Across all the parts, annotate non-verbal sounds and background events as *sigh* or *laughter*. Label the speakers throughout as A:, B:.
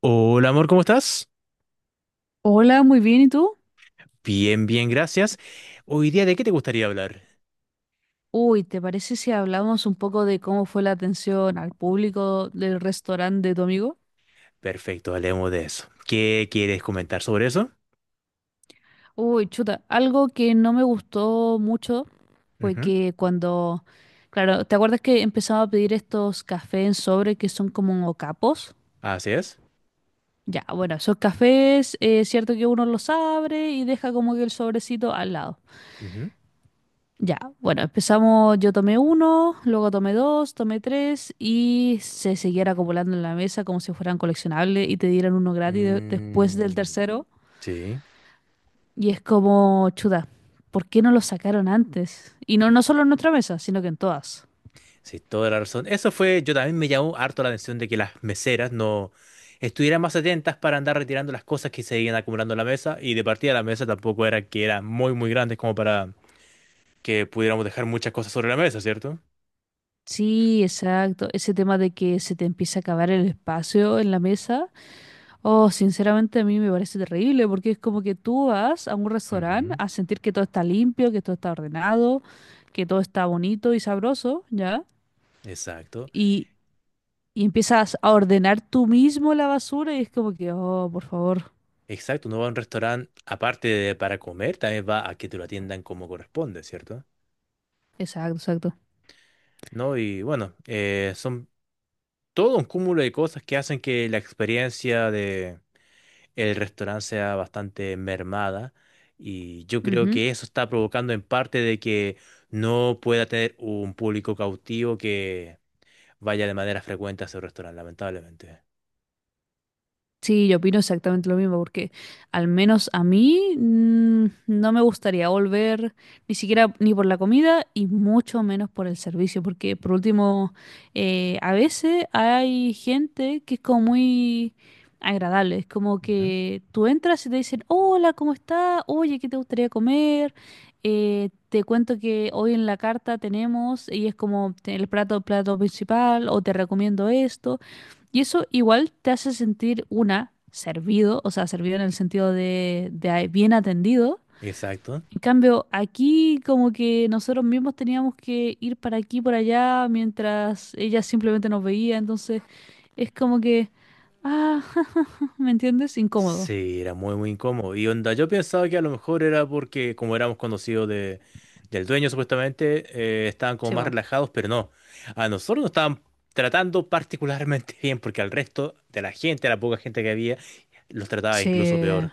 A: Hola amor, ¿cómo estás?
B: Hola, muy bien, ¿y tú?
A: Bien, bien, gracias. Hoy día, ¿de qué te gustaría hablar?
B: Uy, ¿te parece si hablamos un poco de cómo fue la atención al público del restaurante de tu amigo?
A: Perfecto, hablemos de eso. ¿Qué quieres comentar sobre eso?
B: Uy, chuta, algo que no me gustó mucho fue
A: Ujú.
B: que cuando, claro, ¿te acuerdas que empezaba a pedir estos cafés en sobre que son como capos?
A: Así es.
B: Ya, bueno, esos cafés, es cierto que uno los abre y deja como que el sobrecito al lado.
A: Ujú.
B: Ya, bueno, empezamos, yo tomé uno, luego tomé dos, tomé tres y se siguiera acumulando en la mesa como si fueran coleccionables y te dieran uno gratis después del
A: Mm,
B: tercero.
A: sí,
B: Y es como, chuda, ¿por qué no lo sacaron antes? Y no, no solo en nuestra mesa, sino que en todas.
A: sí, toda la razón. Eso fue, yo también me llamó harto la atención de que las meseras no estuvieran más atentas para andar retirando las cosas que se iban acumulando en la mesa y de partida la mesa tampoco era que eran muy, muy grandes como para que pudiéramos dejar muchas cosas sobre la mesa, ¿cierto?
B: Sí, exacto. Ese tema de que se te empieza a acabar el espacio en la mesa. Oh, sinceramente a mí me parece terrible porque es como que tú vas a un restaurante
A: Ujú.
B: a sentir que todo está limpio, que todo está ordenado, que todo está bonito y sabroso, ¿ya?
A: Exacto.
B: Y, y empiezas a ordenar tú mismo la basura y es como que, oh, por favor.
A: Exacto, uno va a un restaurante aparte de para comer, también va a que te lo atiendan como corresponde, ¿cierto?
B: Exacto, exacto.
A: ¿No? Y bueno, son todo un cúmulo de cosas que hacen que la experiencia de el restaurante sea bastante mermada y yo creo
B: Ujú.
A: que eso está provocando en parte de que no pueda tener un público cautivo que vaya de manera frecuente a ese restaurante, lamentablemente.
B: Sí, yo opino exactamente lo mismo, porque al menos a mí no me gustaría volver ni siquiera ni por la comida y mucho menos por el servicio, porque por último, a veces hay gente que es como muy agradable, es como
A: Ujú.
B: que tú entras y te dicen, hola, ¿cómo está? Oye, ¿qué te gustaría comer? Te cuento que hoy en la carta tenemos, y es como el plato principal, o te recomiendo esto. Y eso igual te hace sentir una, servido, o sea, servido en el sentido de bien atendido.
A: Exacto.
B: En cambio, aquí como que nosotros mismos teníamos que ir para aquí, por allá, mientras ella simplemente nos veía. Entonces, es como que, ah, *laughs* ¿me entiendes? Incómodo.
A: Sí, era muy, muy incómodo. Y onda, yo pensaba que a lo mejor era porque, como éramos conocidos del dueño, supuestamente, estaban como
B: Sí,
A: más
B: va.
A: relajados, pero no. A nosotros nos estaban tratando particularmente *laughs* bien, porque al resto de la gente, la poca gente que había, los trataba incluso
B: Sí.
A: peor.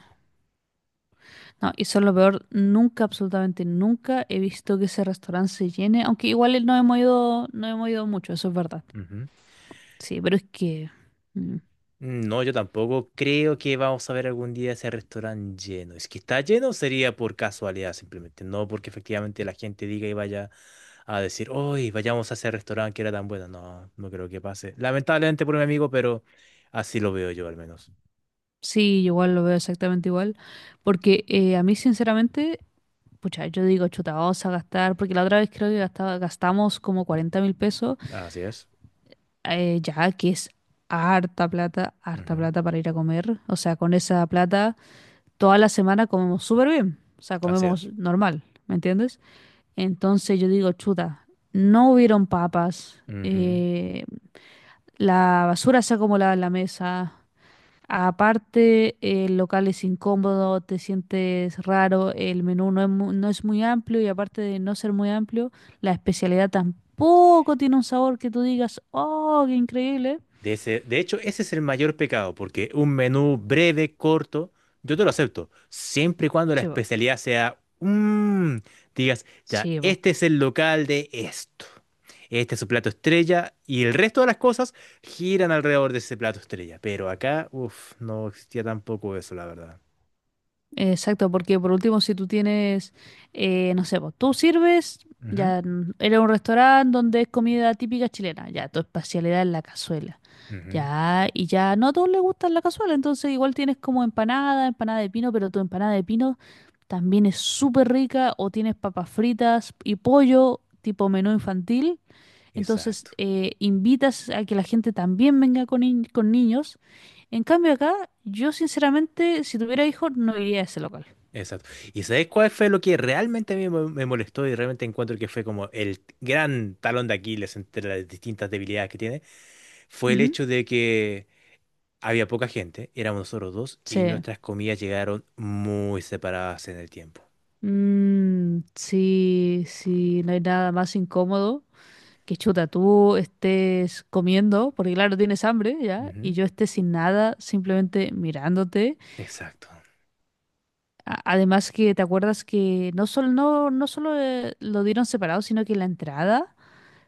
B: No, y eso es lo peor. Nunca, absolutamente nunca he visto que ese restaurante se llene. Aunque igual no hemos ido, no hemos ido mucho, eso es verdad. Sí, pero es que, mm,
A: No, yo tampoco creo que vamos a ver algún día ese restaurante lleno. Es que está lleno sería por casualidad simplemente, no porque efectivamente la gente diga y vaya a decir, hoy vayamos a ese restaurante que era tan bueno. No, no creo que pase. Lamentablemente por mi amigo, pero así lo veo yo al menos.
B: sí, yo igual lo veo exactamente igual, porque a mí sinceramente, pucha, yo digo, chuta, vamos a gastar, porque la otra vez creo que gastamos como 40.000 pesos,
A: Así es.
B: ya que es harta
A: Ujú.
B: plata para ir a comer, o sea, con esa plata toda la semana comemos súper bien, o sea,
A: Así
B: comemos
A: es.
B: normal, ¿me entiendes? Entonces yo digo, chuta, no hubieron papas,
A: Ujú.
B: la basura se acumulaba en la mesa. Aparte, el local es incómodo, te sientes raro, el menú no es muy amplio y aparte de no ser muy amplio, la especialidad tampoco tiene un sabor que tú digas, oh, qué increíble.
A: De hecho, ese es el mayor pecado, porque un menú breve, corto, yo te lo acepto, siempre y cuando la
B: Sí, po.
A: especialidad sea, digas, ya,
B: Sí, po.
A: este es el local de esto, este es su plato estrella, y el resto de las cosas giran alrededor de ese plato estrella. Pero acá, uff, no existía tampoco eso, la verdad.
B: Exacto, porque por último, si tú tienes, no sé, pues, tú sirves,
A: Ujú,
B: ya eres un restaurante donde es comida típica chilena, ya tu especialidad es la cazuela,
A: ujú.
B: ya, y ya no a todos les gusta la cazuela, entonces igual tienes como empanada, empanada de pino, pero tu empanada de pino también es súper rica, o tienes papas fritas y pollo, tipo menú infantil, entonces
A: Exacto,
B: invitas a que la gente también venga con, ni- con niños. En cambio acá, yo sinceramente, si tuviera hijos, no iría a ese local.
A: exacto. ¿Y sabes cuál fue lo que realmente a mí me molestó y realmente encuentro que fue como el gran talón de Aquiles entre las distintas debilidades que tiene? Fue el
B: Ujú.
A: hecho de que había poca gente, éramos nosotros dos, y
B: Sí.
A: nuestras comidas llegaron muy separadas en el tiempo.
B: Mm, sí, sí, no hay nada más incómodo que chuta, tú estés comiendo, porque claro, tienes hambre ya, y
A: Ujú.
B: yo esté sin nada, simplemente mirándote.
A: Exacto.
B: Además que te acuerdas que no solo lo dieron separado, sino que la entrada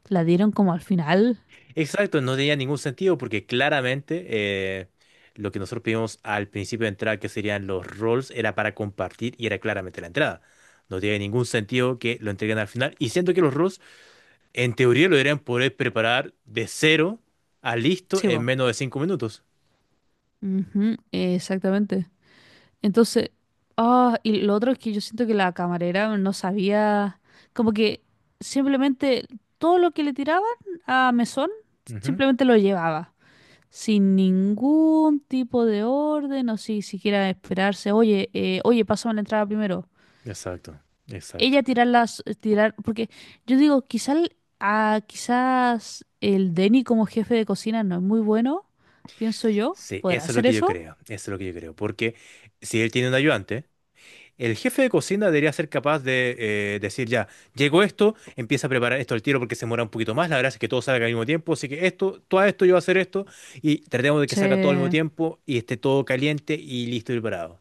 B: la dieron como al final.
A: Exacto, no tenía ningún sentido porque claramente lo que nosotros pedimos al principio de entrada, que serían los rolls, era para compartir y era claramente la entrada. No tiene ningún sentido que lo entreguen al final. Y siento que los rolls, en teoría, lo deberían poder preparar de cero a listo
B: Sí,
A: en
B: bo.
A: menos de 5 minutos.
B: Ujú, exactamente. Entonces, ah, y lo otro es que yo siento que la camarera no sabía, como que simplemente todo lo que le tiraban a Mesón,
A: Ujú.
B: simplemente lo llevaba, sin ningún tipo de orden o si siquiera esperarse, oye, oye, pásame la entrada primero.
A: Exacto, exacto.
B: Ella tirar las, tirar, porque yo digo, quizás, quizás el Denny como jefe de cocina no es muy bueno, pienso yo,
A: Sí,
B: ¿podrá
A: eso es lo
B: hacer
A: que yo
B: eso?
A: creo, eso es lo que yo creo, porque si él tiene un ayudante, el jefe de cocina debería ser capaz de decir ya, llegó esto, empieza a preparar esto al tiro porque se demora un poquito más, la verdad es que todo salga al mismo tiempo, así que esto, todo esto yo voy a hacer esto y tratemos de que
B: Sí,
A: salga todo al mismo tiempo y esté todo caliente y listo y preparado.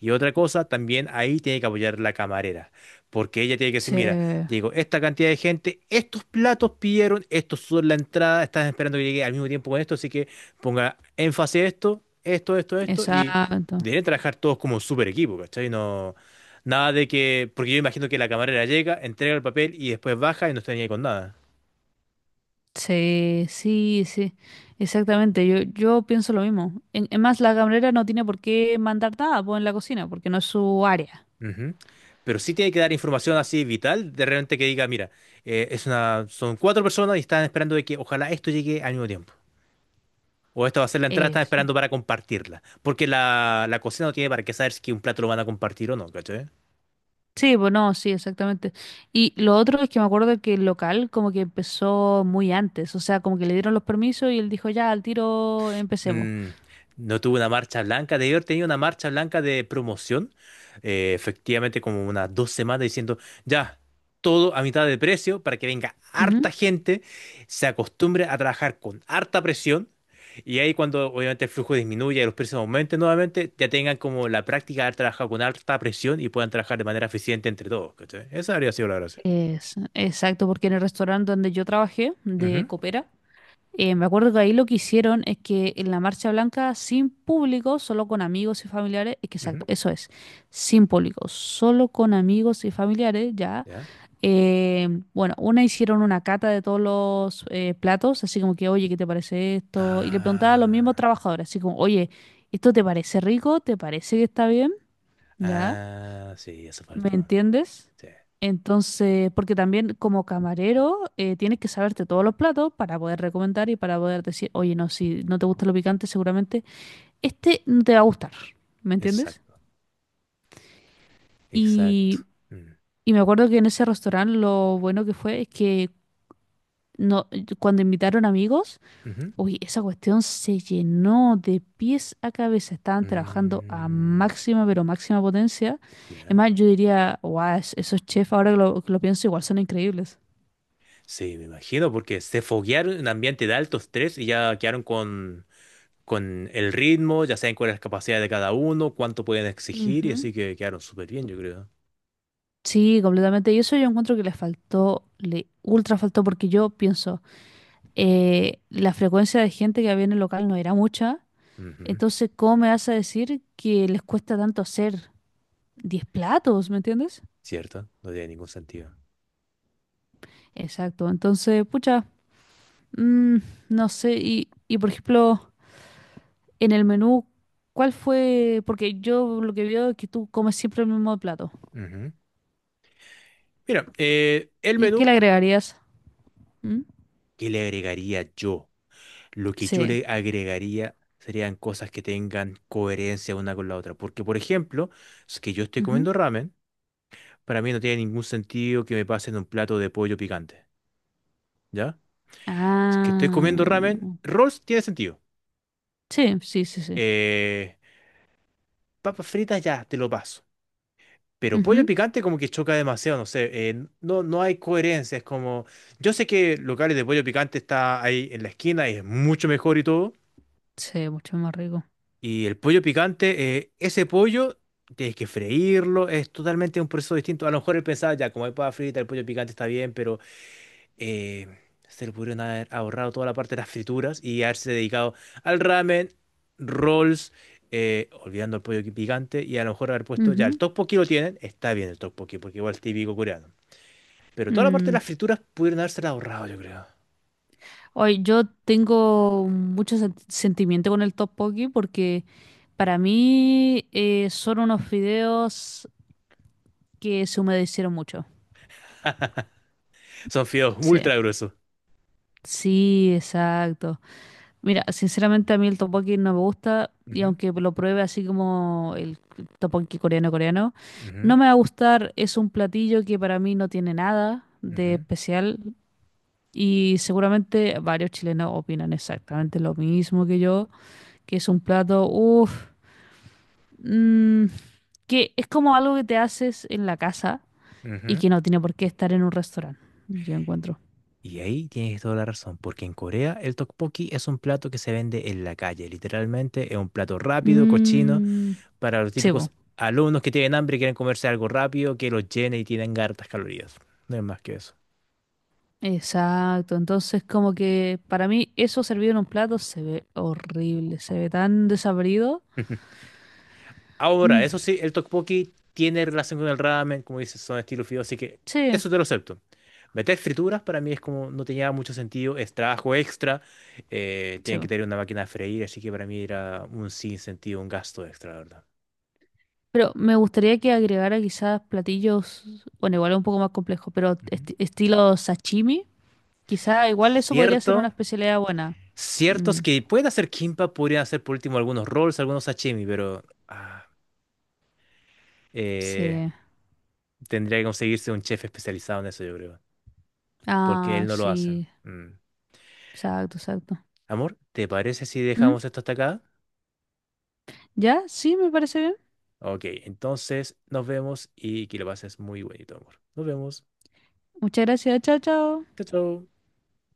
A: Y otra cosa, también ahí tiene que apoyar la camarera, porque ella tiene que decir,
B: sí,
A: mira, llegó esta cantidad de gente, estos platos pidieron, estos son la entrada, están esperando que llegue al mismo tiempo con esto, así que ponga énfasis a esto, esto, esto, esto, y
B: exacto.
A: deben trabajar todos como un super equipo, ¿cachai? No, nada de que, porque yo imagino que la camarera llega, entrega el papel y después baja y no está ni ahí con nada.
B: Sí, sí, sí, exactamente. Yo pienso lo mismo. En más, la camarera no tiene por qué mandar nada pues, en la cocina, porque no es su área.
A: Ujú. Pero sí tiene que dar información así vital, de repente que diga, mira, son cuatro personas y están esperando de que ojalá esto llegue al mismo tiempo. O esta va a ser la entrada, están
B: Es,
A: esperando para compartirla. Porque la cocina no tiene para qué saber si un plato lo van a compartir o no, ¿cachai?
B: sí, pues no, sí, exactamente. Y lo otro es que me acuerdo que el local como que empezó muy antes, o sea, como que le dieron los permisos y él dijo, ya, al tiro empecemos.
A: Mm, no tuve una marcha blanca. Debí haber tenido una marcha blanca de promoción. Efectivamente, como unas 2 semanas diciendo, ya, todo a mitad de precio para que venga harta
B: Ujú.
A: gente, se acostumbre a trabajar con harta presión. Y ahí cuando obviamente el flujo disminuya y los precios aumenten nuevamente, ya tengan como la práctica de haber trabajado con alta presión y puedan trabajar de manera eficiente entre todos, ¿cachai? Esa habría sido la gracia.
B: Es- exacto, porque en el restaurante donde yo trabajé, de
A: Ujú,
B: copera, me acuerdo que ahí lo que hicieron es que en la marcha blanca, sin público, solo con amigos y familiares, es que
A: ujú.
B: exacto, eso es, sin público, solo con amigos y familiares, ya.
A: ¿Ya?
B: Eh, bueno, una hicieron una cata de todos los platos, así como que, oye, ¿qué te parece esto? Y le preguntaba a los mismos
A: Ah,
B: trabajadores, así como, oye, ¿esto te parece rico? ¿Te parece que está bien? ¿Ya?
A: ah, sí, eso
B: ¿Me
A: faltó.
B: entiendes?
A: Sí,
B: Entonces, porque también como camarero tienes que saberte todos los platos para poder recomendar y para poder decir, oye, no, si no te gusta lo picante, seguramente este no te va a gustar. ¿Me entiendes?
A: exacto, exacto.
B: Y,
A: Mm,
B: y me acuerdo que en ese restaurante lo bueno que fue es que no, cuando invitaron amigos,
A: ujú,
B: uy, esa cuestión se llenó de pies a cabeza. Estaban trabajando a
A: mm,
B: máxima, pero máxima potencia. Es
A: ¿ya?
B: más, yo diría, guau, esos chefs, ahora que lo pienso, igual son increíbles.
A: Sí, me imagino, porque se foguearon en ambiente de alto estrés y ya quedaron con el ritmo, ya saben cuál es la capacidad de cada uno, cuánto pueden exigir, y
B: Ujú.
A: así que quedaron súper bien, yo creo.
B: Sí, completamente. Y eso yo encuentro que le faltó, le ultra faltó, porque yo pienso, la frecuencia de gente que había en el local no era mucha,
A: Ujú.
B: entonces, ¿cómo me vas a decir que les cuesta tanto hacer 10 platos? ¿Me entiendes?
A: Cierto, no tiene ningún sentido.
B: Exacto. Entonces, pucha, mm, no sé. Y, por ejemplo, en el menú, ¿cuál fue? Porque yo lo que veo es que tú comes siempre el mismo plato.
A: Ujú. Mira, el
B: ¿Y qué le
A: menú
B: agregarías? ¿Mm?
A: que le agregaría yo. Lo que yo
B: Sí.
A: le agregaría serían cosas que tengan coherencia una con la otra. Porque, por ejemplo, si es que yo estoy
B: Ujú.
A: comiendo ramen, para mí no tiene ningún sentido que me pasen un plato de pollo picante, ¿ya? Si es que estoy
B: Ah.
A: comiendo ramen, rolls tiene sentido.
B: Sí, sí, sí, sí.
A: Eh, Papas fritas ya, te lo paso. Pero pollo
B: Ujú.
A: picante como que choca demasiado, no sé, no, no hay coherencia, es como... Yo sé que locales de pollo picante está ahí en la esquina y es mucho mejor y todo.
B: Sí, mucho más rico.
A: Y el pollo picante, ese pollo tienes que freírlo, es totalmente un proceso distinto. A lo mejor él pensaba, ya, como hay papa frita, el pollo picante está bien, pero eh, se le pudieron haber ahorrado toda la parte de las frituras y haberse dedicado al ramen, rolls, olvidando el pollo picante, y a lo mejor haber puesto, ya, el
B: Ujú.
A: tteokbokki lo tienen, está bien el tteokbokki, porque igual es típico coreano. Pero toda la parte de
B: Mm.
A: las frituras pudieron haberse ahorrado, yo creo.
B: Oye, yo tengo mucho sentimiento con el tteokbokki porque para mí son unos fideos que se humedecieron mucho.
A: Son fideos
B: Sí,
A: ultra gruesos.
B: sí, exacto. Mira, sinceramente a mí el tteokbokki no me gusta y
A: Ujú,
B: aunque lo pruebe así como el tteokbokki coreano coreano,
A: ujú,
B: no me va a gustar. Es un platillo que para mí no tiene nada de
A: ujú,
B: especial. Y seguramente varios chilenos opinan exactamente lo mismo que yo, que es un plato, uff, que es como algo que te haces en la casa y
A: ujú.
B: que no tiene por qué estar en un restaurante, yo encuentro.
A: Y ahí tienes toda la razón, porque en Corea el tteokbokki es un plato que se vende en la calle, literalmente es un plato rápido, cochino,
B: Mm,
A: para los
B: sí, po,
A: típicos alumnos que tienen hambre y quieren comerse algo rápido que los llene y tienen hartas calorías. No es más que eso.
B: exacto. Entonces, como que para mí eso servido en un plato se ve horrible, se ve tan desabrido.
A: *laughs* Ahora,
B: Mm,
A: eso sí, el tteokbokki tiene relación con el ramen, como dices, son estilos fideos, así que
B: sí,
A: eso te lo acepto. Meter frituras para mí es como no tenía mucho sentido, es trabajo extra,
B: sí,
A: tienen que
B: po.
A: tener una máquina a freír, así que para mí era un sinsentido, un gasto extra, la verdad.
B: Pero me gustaría que agregara quizás platillos, bueno, igual es un poco más complejo, pero estilo sashimi. Quizá igual eso podría ser
A: Cierto,
B: una especialidad buena. Mm,
A: ciertos que puede hacer Kimpa, podría hacer por último algunos rolls, algunos sashimi, pero eh,
B: sí.
A: tendría que conseguirse un chef especializado en eso, yo creo, porque
B: Ah,
A: él no lo hace.
B: sí.
A: Mm.
B: Exacto, exacto.
A: Amor, ¿te parece si
B: Mm,
A: dejamos esto hasta acá?
B: ¿ya? Sí, me parece bien.
A: Ok, entonces nos vemos y que lo pases muy bonito, amor. Nos vemos.
B: Muchas gracias. Chao, chao.
A: Chao, chao.